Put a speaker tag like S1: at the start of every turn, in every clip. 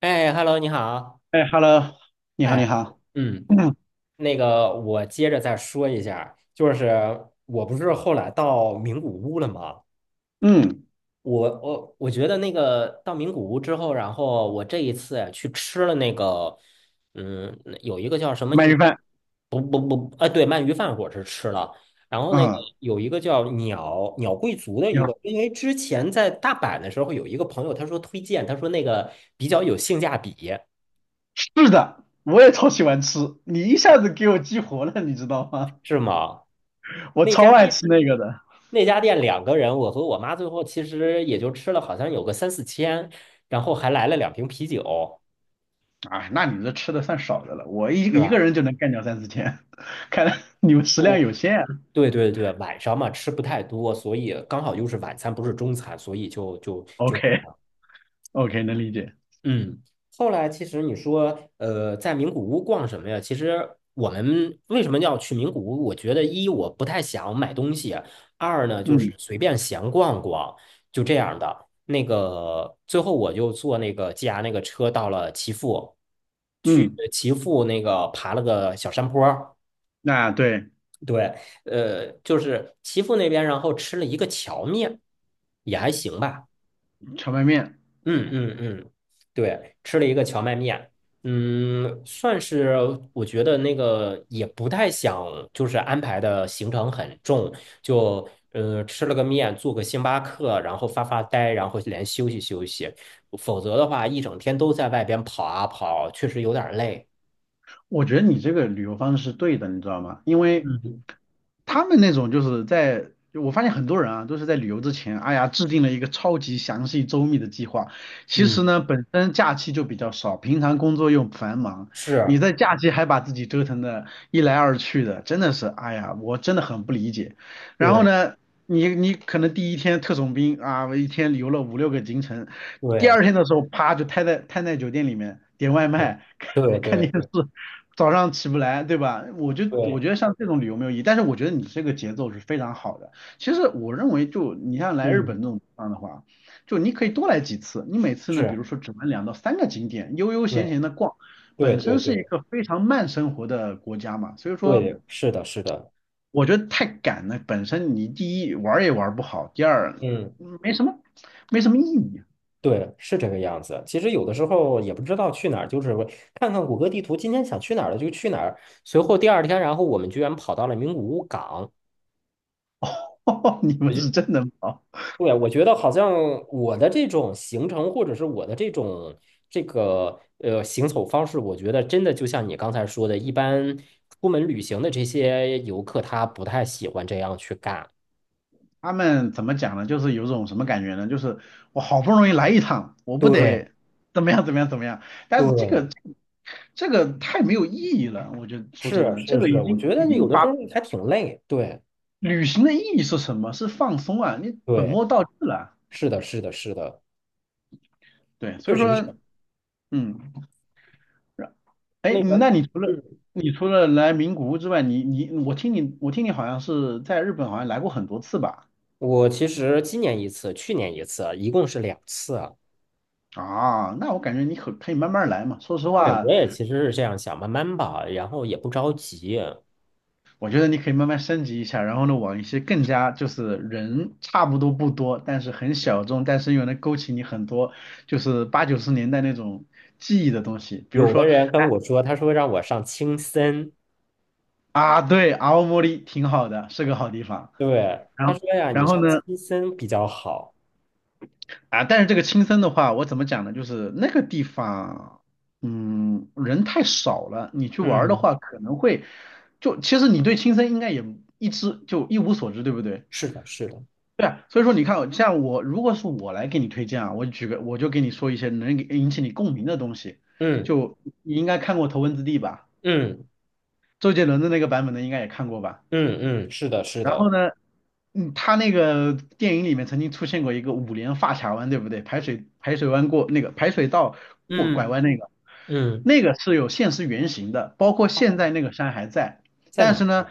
S1: 哎，Hello，你好。
S2: 哎，Hello，你好，你
S1: 哎，
S2: 好，
S1: 嗯，
S2: 嗯
S1: 那个，我接着再说一下，就是我不是后来到名古屋了吗？
S2: 嗯，
S1: 我觉得那个到名古屋之后，然后我这一次呀去吃了那个，嗯，有一个叫什么
S2: 鳗
S1: 鸟，
S2: 鱼饭，
S1: 不不不，啊，对，鳗鱼饭我是吃了，然后那个
S2: 嗯，
S1: 有一个叫鸟贵族的
S2: 你
S1: 一个，
S2: 好，
S1: 因为之前在大阪的时候有一个朋友他说推荐，他说那个比较有性价比，
S2: 是的，我也超喜欢吃，你一下子给我激活了，你知道吗？
S1: 是吗？
S2: 我
S1: 那
S2: 超
S1: 家
S2: 爱
S1: 店。
S2: 吃那个的。
S1: 那家店两个人，我和我妈最后其实也就吃了好像有个三四千，然后还来了两瓶啤酒，
S2: 啊，那你这吃的算少的了，我一
S1: 是
S2: 一个
S1: 吧？
S2: 人就能干掉三四千，看来你们食量
S1: 哦，
S2: 有限啊。
S1: 对对对，晚上嘛吃不太多，所以刚好又是晚餐，不是中餐，所以就。
S2: OK，OK，能理解。
S1: 嗯，后来其实你说，在名古屋逛什么呀？其实我们为什么要去名古屋？我觉得一我不太想买东西，二呢就
S2: 嗯
S1: 是随便闲逛逛，就这样的。那个最后我就坐那个 GR 那个车到了岐阜，去
S2: 嗯，
S1: 岐阜那个爬了个小山坡儿
S2: 那对，
S1: 对，就是岐阜那边，然后吃了一个荞面，也还行吧。
S2: 荞麦面，
S1: 嗯嗯嗯，对，吃了一个荞麦面，算是我觉得那个也不太想，就是安排的行程很重，就吃了个面，做个星巴克，然后发发呆，然后连休息休息，否则的话一整天都在外边跑啊跑，确实有点儿累。
S2: 我觉得你这个旅游方式是对的，你知道吗？因为
S1: 嗯
S2: 他们那种就是在，就我发现很多人啊，都是在旅游之前，哎呀，制定了一个超级详细周密的计划。其
S1: 嗯，
S2: 实呢，本身假期就比较少，平常工作又繁忙，你
S1: 是，
S2: 在假期还把自己折腾的一来二去的，真的是，哎呀，我真的很不理解。然后
S1: 对
S2: 呢，你可能第一天特种兵啊，我一天游了五六个行程，第二
S1: 对
S2: 天的时候，啪就瘫在酒店里面点外卖，
S1: 对对
S2: 看看
S1: 对
S2: 电视，
S1: 对
S2: 早上起不来，对吧？我
S1: 对，
S2: 觉得像这种旅游没有意义，但是我觉得你这个节奏是非常好的。其实我认为就，你像来日
S1: 嗯，
S2: 本这种地方的话，就你可以多来几次。你每次呢，比
S1: 是，
S2: 如说只玩2到3个景点，悠悠闲
S1: 对
S2: 闲的逛，
S1: 对
S2: 本身
S1: 对
S2: 是一
S1: 对
S2: 个非常慢生活的国家嘛，所以说
S1: 对，是的，是的，
S2: 我觉得太赶了，本身你第一玩儿也玩儿不好，第二
S1: 嗯。
S2: 没什么没什么意义。
S1: 对，是这个样子。其实有的时候也不知道去哪儿，就是看看谷歌地图，今天想去哪儿了就去哪儿。随后第二天，然后我们居然跑到了名古屋港。
S2: 哦你
S1: 我
S2: 们
S1: 觉，
S2: 是真能跑。
S1: 对，我觉得好像我的这种行程或者是我的这种这个行走方式，我觉得真的就像你刚才说的，一般出门旅行的这些游客他不太喜欢这样去干。
S2: 他们怎么讲呢？就是有种什么感觉呢？就是我好不容易来一趟，我不
S1: 对
S2: 得怎么样怎么样怎么样。但是这个
S1: 对，
S2: 这个太没有意义了，我觉得说真
S1: 是
S2: 的，这
S1: 是
S2: 个
S1: 是，
S2: 已
S1: 我
S2: 经
S1: 觉
S2: 已
S1: 得有
S2: 经
S1: 的
S2: 把
S1: 时候还挺累。对
S2: 旅行的意义是什么？是放松啊，你本
S1: 对，
S2: 末倒置了。
S1: 是的，是的，是的。
S2: 对，
S1: 确
S2: 所以
S1: 实是。
S2: 说，嗯，哎，
S1: 那个，
S2: 那你除了
S1: 嗯，
S2: 来名古屋之外，你你我听你我听你好像是在日本好像来过很多次吧？
S1: 我其实今年一次，去年一次啊，一共是两次啊。
S2: 啊，那我感觉你可以慢慢来嘛。说实
S1: 对，
S2: 话，
S1: 我也其实是这样想，慢慢吧，然后也不着急。
S2: 我觉得你可以慢慢升级一下，然后呢，往一些更加就是人差不多不多，但是很小众，但是又能勾起你很多就是八九十年代那种记忆的东西，比如
S1: 有的
S2: 说
S1: 人跟我说，他说让我上青森，
S2: 啊，对，青森挺好的，是个好地方。
S1: 对，
S2: 然
S1: 他
S2: 后
S1: 说呀，
S2: 然
S1: 你
S2: 后
S1: 上
S2: 呢，
S1: 青森比较好。
S2: 啊，但是这个青森的话，我怎么讲呢？就是那个地方，嗯，人太少了，你去玩儿的
S1: 嗯，
S2: 话可能会，就其实你对青森应该也一无所知，对不对？
S1: 是的，是的，
S2: 对啊，所以说你看，像我如果是我来给你推荐啊，我举个我就给你说一些能给引起你共鸣的东西，
S1: 嗯
S2: 就你应该看过《头文字 D》吧，
S1: 嗯
S2: 周杰伦的那个版本的应该也看过吧？
S1: 嗯嗯，是的，是
S2: 然
S1: 的，
S2: 后呢，他那个电影里面曾经出现过一个五连发卡弯，对不对？排水弯过那个排水道过拐
S1: 嗯
S2: 弯那个，
S1: 嗯，
S2: 那个是有现实原型的，包括现在那个山还在，
S1: 在
S2: 但
S1: 哪
S2: 是
S1: 一
S2: 呢，
S1: 个？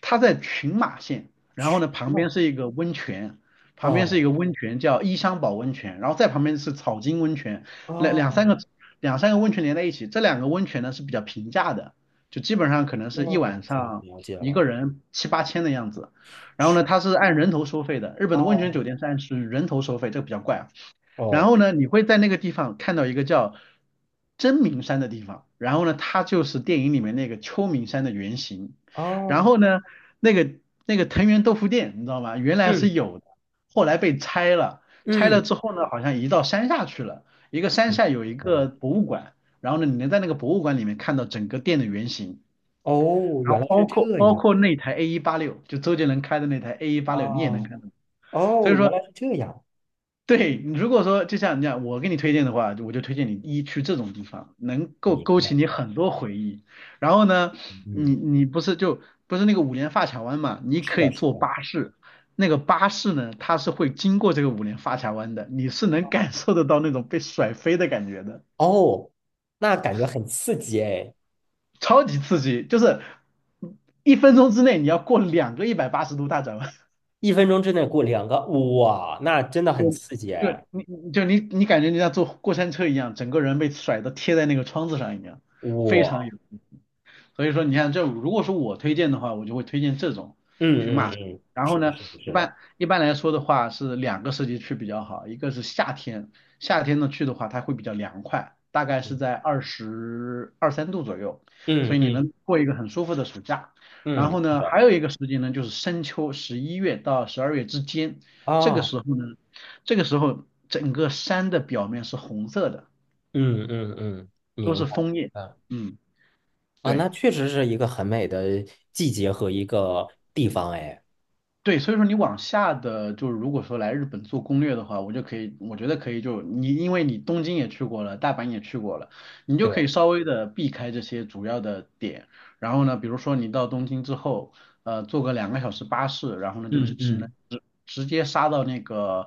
S2: 它在群马县，然后呢旁
S1: 那
S2: 边是一个温泉。旁边是一
S1: 哦
S2: 个温泉叫伊香保温泉，然后再旁边是草津温泉，两两三
S1: 哦
S2: 个两三个温泉连在一起，这两个温泉呢是比较平价的，就基本上可能是一
S1: 哦，了
S2: 晚
S1: 解
S2: 上
S1: 了解
S2: 一
S1: 了，
S2: 个人七八千的样子。然后呢，它是按人头收费的，日本的温泉酒
S1: 哦
S2: 店是按是人头收费，这个比较怪啊。然后
S1: 哦
S2: 呢，你会在那个地方看到一个叫真名山的地方，然后呢，它就是电影里面那个秋名山的原型。然
S1: 哦，
S2: 后呢，那个那个藤原豆腐店，你知道吗？原来是
S1: 嗯
S2: 有的，后来被拆了，拆了
S1: 嗯。
S2: 之后呢，好像移到山下去了。一个山
S1: 嗯
S2: 下有一
S1: 好
S2: 个
S1: 的
S2: 博物馆，然后呢，你能在那个博物馆里面看到整个店的原型。
S1: 哦，
S2: 然
S1: 原
S2: 后
S1: 来是
S2: 包括
S1: 这
S2: 包
S1: 样
S2: 括那台 A 一八六，就周杰伦开的那台 A 一八
S1: 啊！
S2: 六，你也能看到。所
S1: 哦，
S2: 以
S1: 原
S2: 说，
S1: 来是这样，
S2: 对你如果说就像你讲，我给你推荐的话，我就推荐你一去这种地方，能够
S1: 明
S2: 勾起
S1: 白。
S2: 你很多回忆。然后呢，你
S1: 嗯，
S2: 你不是那个五连发卡湾嘛？你
S1: 是
S2: 可
S1: 的，
S2: 以
S1: 是
S2: 坐
S1: 的。
S2: 巴士，那个巴士呢，它是会经过这个五连发卡湾的，你是能感受得到那种被甩飞的感觉的，
S1: 哦，那感觉很刺激哎！
S2: 超级刺激，就是1分钟之内你要过两个180度大转弯。
S1: 一分钟之内过两个，哇，那真的很刺激
S2: 就就
S1: 哎！
S2: 你你就你你感觉你像坐过山车一样，整个人被甩的贴在那个窗子上一样，非常
S1: 哇，
S2: 有。所以说你看这如果说我推荐的话，我就会推荐这种
S1: 嗯
S2: 群
S1: 嗯
S2: 马。
S1: 嗯，
S2: 然后
S1: 是的，
S2: 呢，
S1: 是的，
S2: 一
S1: 是的，
S2: 般一般来说的话是两个时节去比较好，一个是夏天，夏天呢去的话它会比较凉快，大概是
S1: 嗯
S2: 在22、23度左右，所以你
S1: 嗯
S2: 能过一个很舒服的暑假。
S1: 嗯，
S2: 然
S1: 嗯
S2: 后
S1: 是
S2: 呢，还
S1: 的
S2: 有一个时节呢就是深秋，11月到12月之间，这个
S1: 啊，
S2: 时候呢，这个时候整个山的表面是红色的，
S1: 嗯嗯嗯，
S2: 都
S1: 明
S2: 是
S1: 白。
S2: 枫叶。
S1: 嗯
S2: 嗯，
S1: 啊，
S2: 对。
S1: 那确实是一个很美的季节和一个地方哎。
S2: 对，所以说你往下的，就是如果说来日本做攻略的话，我就可以，我觉得可以就，你因为你东京也去过了，大阪也去过了，你就可
S1: 对，
S2: 以稍微的避开这些主要的点。然后呢，比如说你到东京之后，坐个2个小时巴士，然后呢就只
S1: 嗯
S2: 只能
S1: 嗯
S2: 直接杀到那个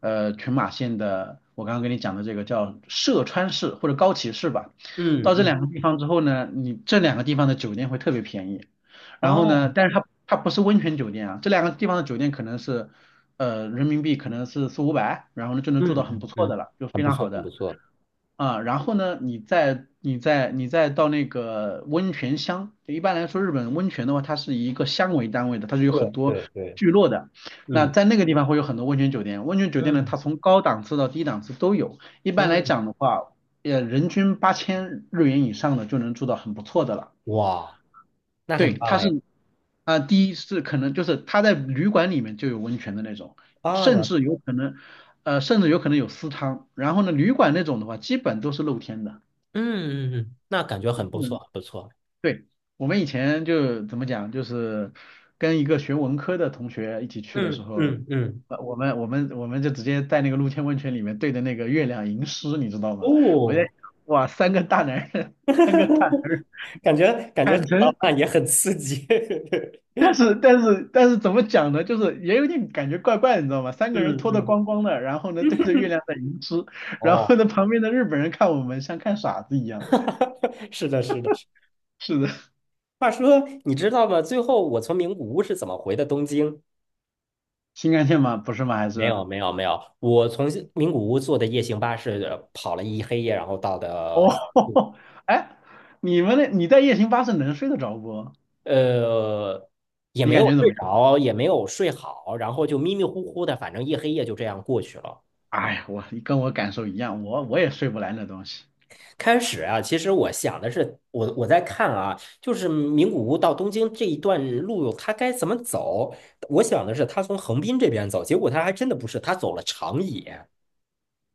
S2: 群马县的，我刚刚跟你讲的这个叫涉川市或者高崎市吧。
S1: 嗯
S2: 到这
S1: 嗯，
S2: 两个地方之后呢，你这两个地方的酒店会特别便宜。然后呢，
S1: 哦。
S2: 但是它它不是温泉酒店啊，这两个地方的酒店可能是，人民币可能是四五百，然后呢就能
S1: 嗯
S2: 住到很不
S1: 嗯
S2: 错的
S1: 嗯，
S2: 了，就
S1: 很
S2: 非
S1: 不
S2: 常
S1: 错，
S2: 好
S1: 很不
S2: 的
S1: 错。
S2: 啊。然后呢，你再到那个温泉乡，就一般来说日本温泉的话，它是以一个乡为单位的，它是有
S1: 对
S2: 很多
S1: 对对，
S2: 聚落的。那
S1: 嗯
S2: 在那个地方会有很多温泉酒店，温泉酒店呢，
S1: 嗯
S2: 它从高档次到低档次都有。一般来
S1: 嗯，
S2: 讲的话，人均8000日元以上的就能住到很不错的了。
S1: 哇，那很
S2: 对，
S1: 棒
S2: 他
S1: 哎！
S2: 是啊、第一是可能就是他在旅馆里面就有温泉的那种，
S1: 啊，
S2: 甚
S1: 了，
S2: 至有可能甚至有可能有私汤。然后呢，旅馆那种的话，基本都是露天的。
S1: 嗯嗯嗯，那感觉很不错，
S2: 嗯，
S1: 很不错。
S2: 对，我们以前就怎么讲，就是跟一个学文科的同学一起去的时
S1: 嗯
S2: 候，
S1: 嗯嗯，
S2: 我们就直接在那个露天温泉里面对着那个月亮吟诗，你知道吗？我在
S1: 哦，
S2: 想，哇，三个大男人，三个大男 人。
S1: 感觉 感觉
S2: 坦
S1: 很浪
S2: 诚。
S1: 漫，也很刺激。
S2: 但是怎么讲呢？就是也有点感觉怪怪，的，你知道吗？3个人
S1: 嗯
S2: 脱得
S1: 嗯，
S2: 光光的，然后呢对着月亮在吟诗，然
S1: 哦，
S2: 后呢旁边的日本人看我们像看傻子一样。
S1: 是的，是的。是
S2: 是的，
S1: 话说，你知道吗？最后我从名古屋是怎么回的东京？
S2: 新干线吗？不是吗？还
S1: 没
S2: 是
S1: 有，没有，没有。我从名古屋坐的夜行巴士跑了一黑夜，然后到的
S2: 哦，哎，你们那你在夜行巴士能睡得着不？
S1: 呃，也
S2: 你
S1: 没
S2: 感
S1: 有
S2: 觉怎
S1: 睡
S2: 么样？
S1: 着，也没有睡好，然后就迷迷糊糊的，反正一黑夜就这样过去了。
S2: 哎呀，我感受一样，我也睡不来那东西
S1: 开始啊，其实我想的是，我在看啊，就是名古屋到东京这一段路，它该怎么走？我想的是，他从横滨这边走，结果他还真的不是，他走了长野。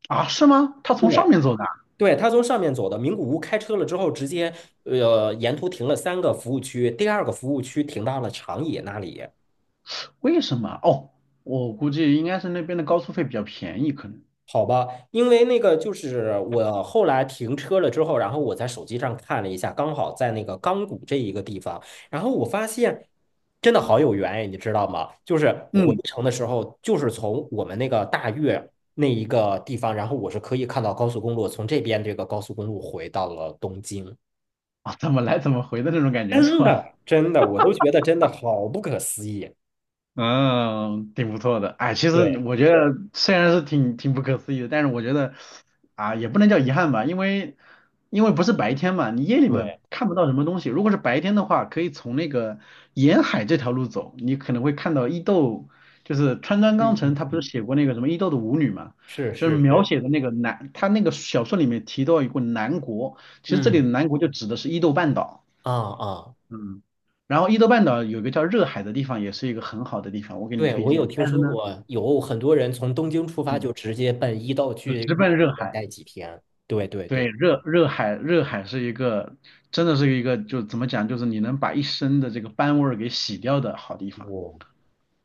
S2: 啊，是吗？他从上
S1: 对。
S2: 面走的啊。
S1: 对，他从上面走的名古屋，开车了之后，直接沿途停了三个服务区，第二个服务区停到了长野那里。
S2: 为什么？哦，我估计应该是那边的高速费比较便宜，可能
S1: 好吧，因为那个就是我后来停车了之后，然后我在手机上看了一下，刚好在那个钢谷这一个地方，然后我发现真的好有缘哎，你知道吗？就是回
S2: 嗯
S1: 程的时候，就是从我们那个大悦那一个地方，然后我是可以看到高速公路，从这边这个高速公路回到了东京，
S2: 啊怎么来怎么回的那种感觉是
S1: 真
S2: 吧？
S1: 的真的，我都觉得真的好不可思议。
S2: 嗯，挺不错的。哎，其实
S1: 对
S2: 我觉得虽然是挺不可思议的，但是我觉得啊，也不能叫遗憾吧，因为不是白天嘛，你夜里面
S1: 对，
S2: 看不到什么东西。如果是白天的话，可以从那个沿海这条路走，你可能会看到伊豆，就是川端康
S1: 嗯
S2: 成
S1: 嗯
S2: 他不是
S1: 嗯，
S2: 写过那个什么伊豆的舞女嘛，
S1: 是
S2: 就是
S1: 是
S2: 描
S1: 是，
S2: 写的那个南，他那个小说里面提到一个南国，其实这里的
S1: 嗯
S2: 南国就指的是伊豆半岛。
S1: 啊啊。
S2: 嗯，然后伊豆半岛有个叫热海的地方，也是一个很好的地方，我给你
S1: 对，
S2: 推
S1: 我有
S2: 荐。
S1: 听
S2: 但是
S1: 说
S2: 呢，
S1: 过，有很多人从东京出发
S2: 嗯，
S1: 就直接奔伊豆
S2: 就
S1: 去，
S2: 直
S1: 伊
S2: 奔
S1: 豆
S2: 热
S1: 那边
S2: 海。
S1: 待几天。对对
S2: 对，
S1: 对，
S2: 热海是一个，真的是一个，就怎么讲，就是你能把一身的这个斑味儿给洗掉的好地方，
S1: 哦，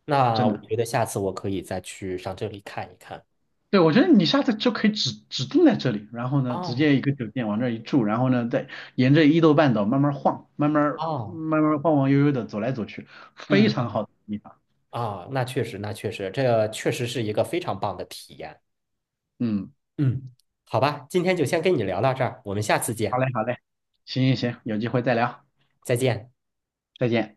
S1: 那
S2: 真
S1: 我
S2: 的。
S1: 觉得下次我可以再去上这里看一看。
S2: 对，我觉得你下次就可以指定在这里，然后呢，直
S1: 哦
S2: 接一个酒店往这儿一住，然后呢，再沿着伊豆半岛慢慢晃，慢慢
S1: 哦，
S2: 慢慢晃晃悠悠的走来走去，非
S1: 嗯
S2: 常好的地方。
S1: 啊，那确实，那确实，这确实是一个非常棒的体验。
S2: 嗯，
S1: 嗯，好吧，今天就先跟你聊到这儿，我们下次见，
S2: 好嘞，好嘞，行行行，有机会再聊，
S1: 再见。
S2: 再见。